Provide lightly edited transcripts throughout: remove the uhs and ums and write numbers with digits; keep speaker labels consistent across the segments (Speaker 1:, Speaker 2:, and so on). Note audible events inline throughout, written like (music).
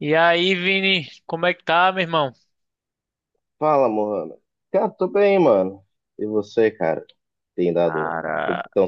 Speaker 1: E aí, Vini, como é que tá, meu irmão?
Speaker 2: Fala, Mohamed. Cara, tô bem, mano. E você, cara? Tem dado. Como
Speaker 1: Cara,
Speaker 2: que tão...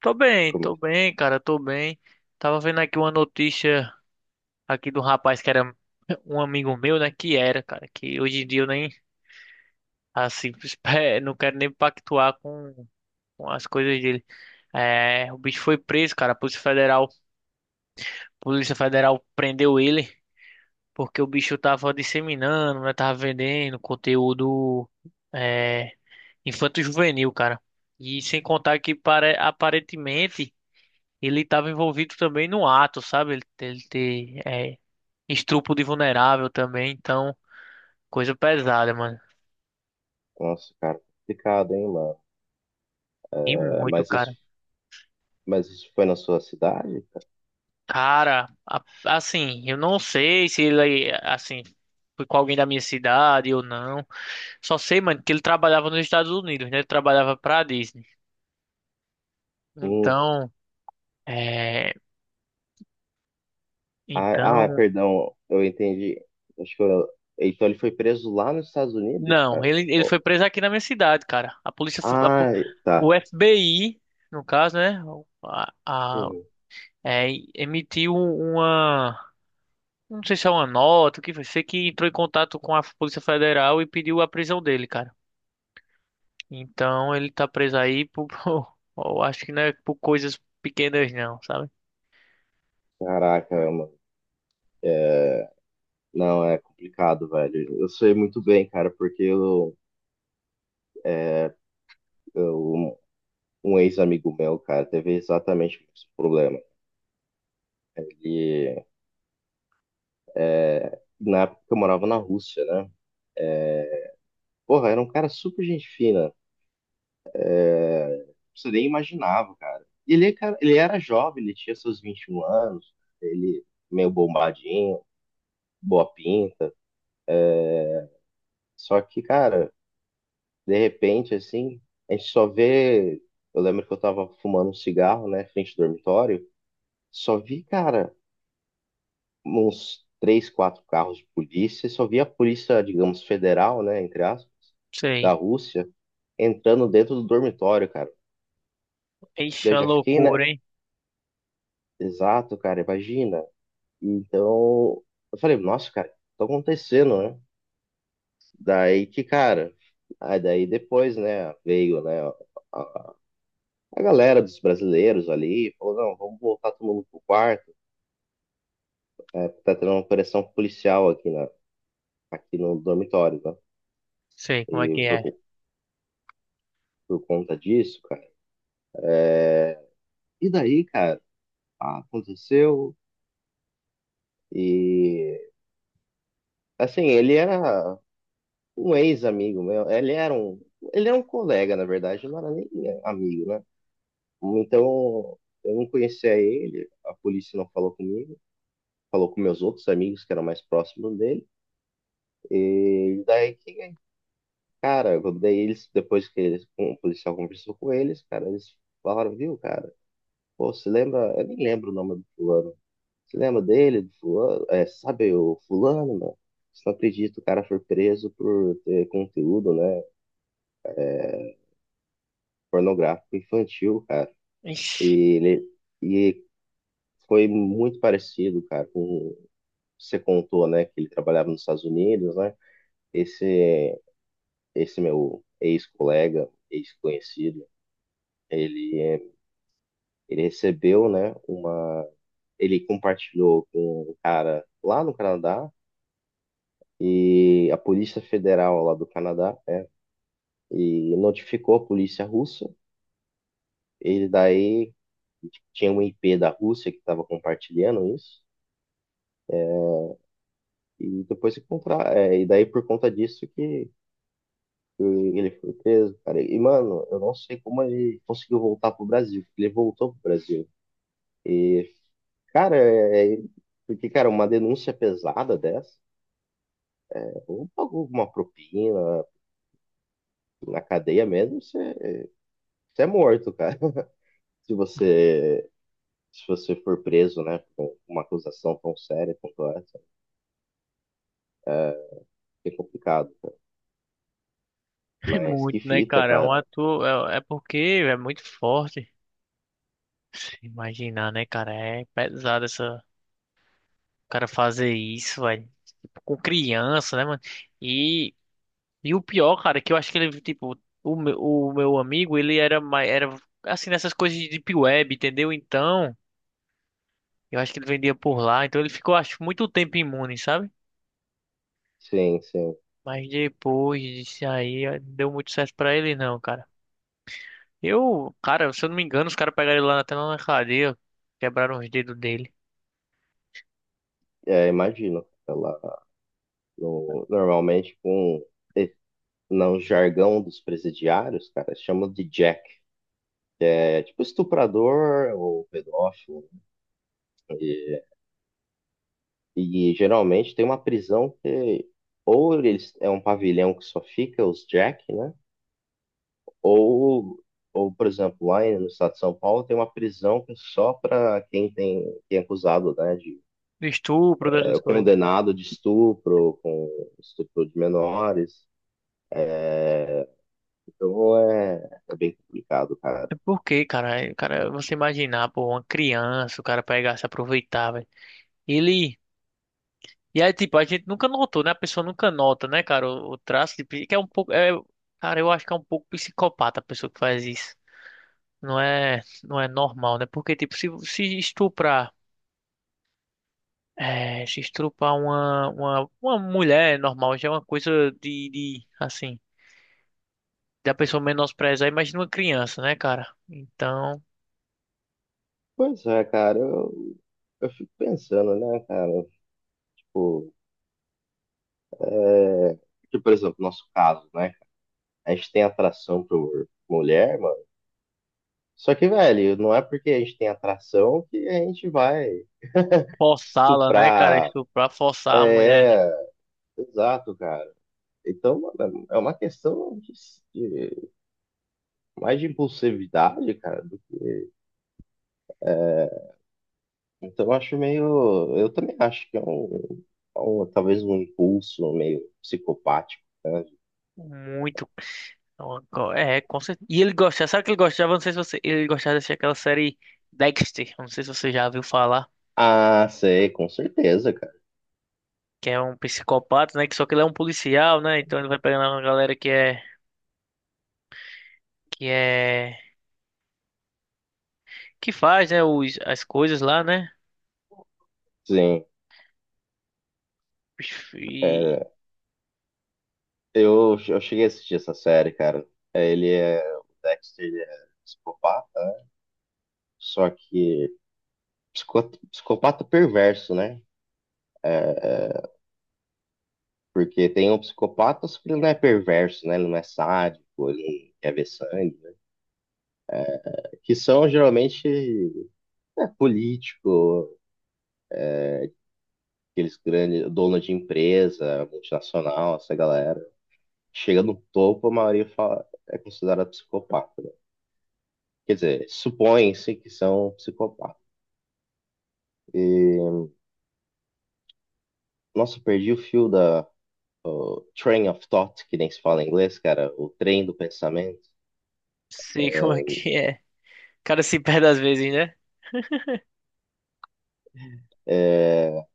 Speaker 1: tô bem,
Speaker 2: Como... é
Speaker 1: tô
Speaker 2: que-
Speaker 1: bem, cara, tô bem. Tava vendo aqui uma notícia aqui do rapaz que era um amigo meu, né? Que era, cara, que hoje em dia eu nem, assim, (laughs) não quero nem pactuar com as coisas dele. É, o bicho foi preso, cara, a Polícia Federal prendeu ele porque o bicho tava disseminando, né? Tava vendendo conteúdo. é, Infanto-juvenil, cara. E sem contar que aparentemente ele estava envolvido também no ato, sabe? Ele estupro de vulnerável também, então coisa pesada, mano.
Speaker 2: Nossa, cara, complicado, hein, mano?
Speaker 1: E
Speaker 2: É,
Speaker 1: muito,
Speaker 2: mas isso...
Speaker 1: cara.
Speaker 2: Mas isso foi na sua cidade, cara?
Speaker 1: Cara, assim, eu não sei se ele, assim, foi com alguém da minha cidade ou não. Só sei, mano, que ele trabalhava nos Estados Unidos, né? Ele trabalhava pra Disney.
Speaker 2: Hum.
Speaker 1: Então, é,
Speaker 2: Ah,
Speaker 1: então
Speaker 2: perdão, eu entendi. Acho que eu... Então ele foi preso lá nos Estados Unidos,
Speaker 1: Não,
Speaker 2: cara?
Speaker 1: ele
Speaker 2: Oh.
Speaker 1: foi preso aqui na minha cidade, cara. A polícia,
Speaker 2: Ah,
Speaker 1: o
Speaker 2: tá.
Speaker 1: FBI, no caso, né? A, a-
Speaker 2: Uhum.
Speaker 1: é, emitiu não sei se é uma nota, o que foi, sei que entrou em contato com a Polícia Federal e pediu a prisão dele, cara. Então ele tá preso aí por, (laughs) eu acho que não é por coisas pequenas, não, sabe?
Speaker 2: Caraca, mano. É, não, é complicado, velho. Eu sei muito bem, cara, porque eu. Um ex-amigo meu, cara, teve exatamente o mesmo problema. Ele, na época que eu morava na Rússia, né? Porra, era um cara super gente fina. Você nem imaginava, cara. E ele, é cara, ele era jovem, ele tinha seus 21 anos, ele meio bombadinho, boa pinta. Só que, cara, de repente, assim, a gente só vê. Eu lembro que eu tava fumando um cigarro, né, frente ao dormitório. Só vi, cara, uns três, quatro carros de polícia, só via a polícia, digamos, federal, né, entre aspas, da
Speaker 1: Sei.
Speaker 2: Rússia, entrando dentro do dormitório, cara.
Speaker 1: Ixi,
Speaker 2: Daí
Speaker 1: é
Speaker 2: eu
Speaker 1: uma
Speaker 2: já fiquei, né?
Speaker 1: loucura, hein?
Speaker 2: Exato, cara, imagina. Então, eu falei, nossa, cara, o que tá acontecendo, né? Daí que, cara, aí daí depois, né, veio, né, a, a galera dos brasileiros ali, falou, não, vamos voltar todo mundo pro quarto, né, tá tendo uma operação policial aqui, na, aqui no dormitório, né?
Speaker 1: Sei
Speaker 2: E
Speaker 1: como é que é.
Speaker 2: por conta disso, cara. E daí, cara, ah, aconteceu. E assim, ele era um ex-amigo meu. Ele era um colega, na verdade, não era nem amigo, né? Então, eu não conhecia ele, a polícia não falou comigo, falou com meus outros amigos que eram mais próximos dele. E daí, cara, daí eles, depois que eles, o policial conversou com eles, cara, eles falaram, viu, cara? Pô, você lembra? Eu nem lembro o nome do fulano. Você lembra dele? Do fulano? É, sabe o fulano, mano? Você não acredita, o cara foi preso por ter conteúdo, né, pornográfico infantil, cara.
Speaker 1: Ixi,
Speaker 2: E ele e foi muito parecido, cara, com você contou, né, que ele trabalhava nos Estados Unidos, né? Esse esse meu ex-colega, ex-conhecido, ele é, ele recebeu, né, uma ele compartilhou com um cara lá no Canadá e a Polícia Federal lá do Canadá e notificou a polícia russa. Ele daí tinha um IP da Rússia que estava compartilhando isso. E depois e daí por conta disso que ele foi preso, cara. E mano, eu não sei como ele conseguiu voltar pro Brasil, porque ele voltou pro Brasil. E cara, porque cara, uma denúncia pesada dessa, é, ou pagou uma propina na cadeia mesmo, você, você é morto, cara. (laughs) Se você for preso, né, com uma acusação tão séria quanto essa. É complicado.
Speaker 1: (laughs) é
Speaker 2: Mas
Speaker 1: muito,
Speaker 2: que
Speaker 1: né,
Speaker 2: fita,
Speaker 1: cara? É um
Speaker 2: cara.
Speaker 1: ator é porque é muito forte. Se imaginar, né, cara? É pesado essa, o cara fazer isso, velho. Com criança, né, mano? E, e o pior, cara, é que eu acho que ele, tipo, o meu amigo, ele era assim, nessas coisas de deep web, entendeu? Então, eu acho que ele vendia por lá, então ele ficou, acho, muito tempo imune, sabe?
Speaker 2: Sim, sim.
Speaker 1: Mas depois disso aí, não deu muito certo pra ele, não, cara. Eu, cara, se eu não me engano, os caras pegaram ele lá até lá na cadeia, quebraram os dedos dele.
Speaker 2: É, imagino. Ela, normalmente, com e- no jargão dos presidiários, cara, chamam de jack. É tipo estuprador ou pedófilo. E, e geralmente tem uma prisão que ou eles, é um pavilhão que só fica os jack, né? Ou, ou, por exemplo, lá no estado de São Paulo tem uma prisão que é só para quem tem, quem é acusado, né, de
Speaker 1: Do estupro, dessas
Speaker 2: é
Speaker 1: coisas.
Speaker 2: condenado de estupro, com estupro de menores. Então é, é bem complicado, cara.
Speaker 1: É porque, cara, cara, você imaginar, pô, uma criança, o cara pegar, se aproveitar, velho. Ele. E aí, tipo, a gente nunca notou, né? A pessoa nunca nota, né, cara, o traço de. Que é um pouco. É, cara, eu acho que é um pouco psicopata a pessoa que faz isso. Não é normal, né? Porque, tipo, se estuprar. É, se estuprar uma mulher é normal já é uma coisa de, de. Assim. Da pessoa menosprezar, imagina uma criança, né, cara? Então.
Speaker 2: Pois é, cara, eu fico pensando, né, cara? Eu fico-. Porque, por exemplo, nosso caso, né? A gente tem atração por mulher, mano. Só que, velho, não é porque a gente tem atração que a gente vai
Speaker 1: Forçá-la, né, cara?
Speaker 2: estuprar.
Speaker 1: Estuprar, forçar a mulher.
Speaker 2: É, é, exato, cara. Então, mano, é uma questão de, de- mais de impulsividade, cara. Então eu acho meio. Eu também acho que é um, talvez um impulso meio psicopático.
Speaker 1: Muito. É, com certeza. E ele gostava, sabe o que ele gostava? Não sei se você. Ele gostava de assistir aquela série Dexter. Não sei se você já viu falar.
Speaker 2: Ah, sei, com certeza, cara.
Speaker 1: Que é um psicopata, né? Que só que ele é um policial, né? Então ele vai pegando uma galera que é. Que é. Que faz, né? As coisas lá, né?
Speaker 2: Sim.
Speaker 1: E.
Speaker 2: É, eu cheguei a assistir essa série, cara. É, ele é. O Dexter, ele é psicopata, né? Só que psicopata perverso, né? Porque tem um psicopata, só que ele não é perverso, né? Ele não é sádico, ele não quer ver sangue, né? Que são geralmente é, político. Aqueles grandes dono de empresa, multinacional, essa galera, chega no topo, a maioria fala, é considerada psicopata. Né? Quer dizer, supõe-se que são psicopatas. E, nossa, eu perdi o fio da train of thought, que nem se fala em inglês, cara, o trem do pensamento.
Speaker 1: Sei (laughs) como é que é. O cara se perde às vezes, né?
Speaker 2: É,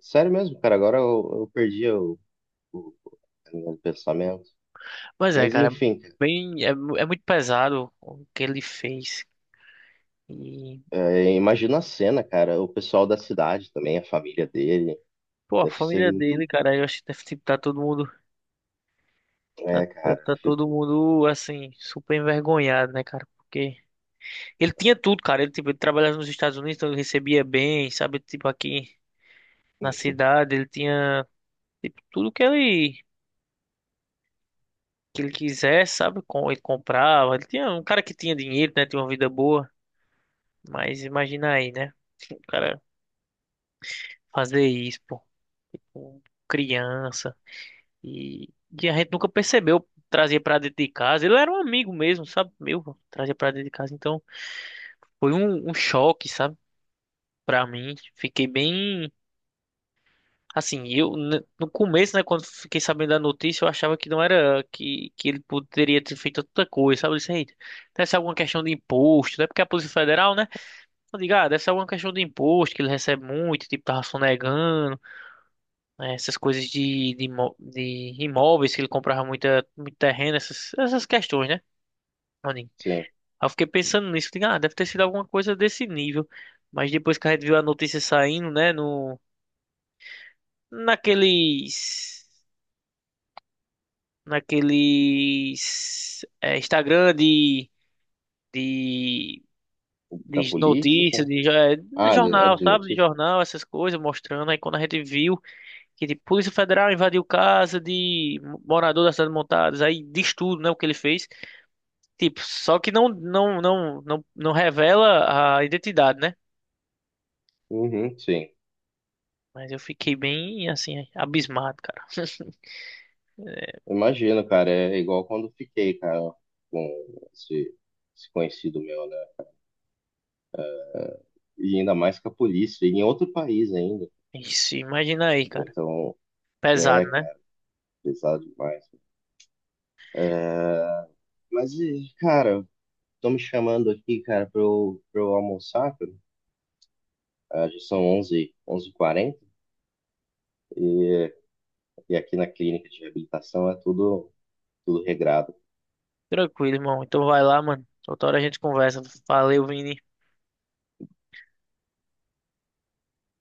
Speaker 2: sério mesmo, cara, agora eu perdi o, a linha do pensamento.
Speaker 1: Mas é,
Speaker 2: Mas
Speaker 1: cara.
Speaker 2: enfim, cara,
Speaker 1: Bem. É, é muito pesado o que ele fez. E.
Speaker 2: é, imagina a cena, cara, o pessoal da cidade também, a família dele,
Speaker 1: Pô, a
Speaker 2: deve ser
Speaker 1: família
Speaker 2: muito,
Speaker 1: dele, cara. Eu acho que deve estar todo mundo. Tá,
Speaker 2: é,
Speaker 1: deve
Speaker 2: cara,
Speaker 1: tá
Speaker 2: fico-.
Speaker 1: todo mundo, assim, super envergonhado, né, cara? Porque ele tinha tudo, cara. Ele, tipo, ele trabalhava nos Estados Unidos, então ele recebia bem, sabe? Tipo, aqui na
Speaker 2: Hum.
Speaker 1: cidade, ele tinha, tipo, tudo que ele quisesse, sabe? Com, ele comprava. Ele tinha um cara que tinha dinheiro, né? Tinha uma vida boa. Mas imagina aí, né? O cara fazer isso, pô, com criança. E, e a gente nunca percebeu. Trazia pra dentro de casa. Ele era um amigo mesmo, sabe? Meu, trazia pra dentro de casa. Então, foi um choque, sabe? Pra mim, fiquei bem. Assim, no começo, né, quando fiquei sabendo da notícia, eu achava que não era que ele poderia ter feito tanta coisa, sabe? Eu disse, "Eita, deve ser alguma questão de imposto, né? Porque a Polícia Federal, né? Eu digo, ah, deve ser alguma questão de imposto, que ele recebe muito, tipo, tava sonegando, né, essas coisas de imóveis, que ele comprava muito terreno, essas questões, né? Eu digo,
Speaker 2: Sim.
Speaker 1: aí eu fiquei pensando nisso, digo, ah, deve ter sido alguma coisa desse nível. Mas depois que a gente viu a notícia saindo, né, no. naqueles naqueles Instagram de
Speaker 2: Da
Speaker 1: de
Speaker 2: polícia,
Speaker 1: notícias
Speaker 2: sim.
Speaker 1: de, de
Speaker 2: Ah, de, a
Speaker 1: jornal,
Speaker 2: de
Speaker 1: sabe, de
Speaker 2: notícia?
Speaker 1: jornal, essas coisas mostrando aí quando a gente viu que tipo, Polícia Federal invadiu casa de morador da cidade Montadas, aí diz tudo, né, o que ele fez, tipo, só que não revela a identidade, né.
Speaker 2: Uhum, sim.
Speaker 1: Mas eu fiquei bem assim abismado, cara. (laughs)
Speaker 2: Imagino, cara. É igual quando fiquei, cara, com esse, esse conhecido meu, né? E ainda mais com a polícia, e em outro país ainda.
Speaker 1: Isso, imagina aí, cara.
Speaker 2: Então, é,
Speaker 1: Pesado, né?
Speaker 2: cara, pesado demais. É, mas, e, cara, estão me chamando aqui, cara, pra eu almoçar, cara. Ah, já são onze h 40 e, e aqui na clínica de reabilitação é tudo, tudo regrado.
Speaker 1: Tranquilo, irmão. Então vai lá, mano. Outra hora a gente conversa. Valeu, Vini.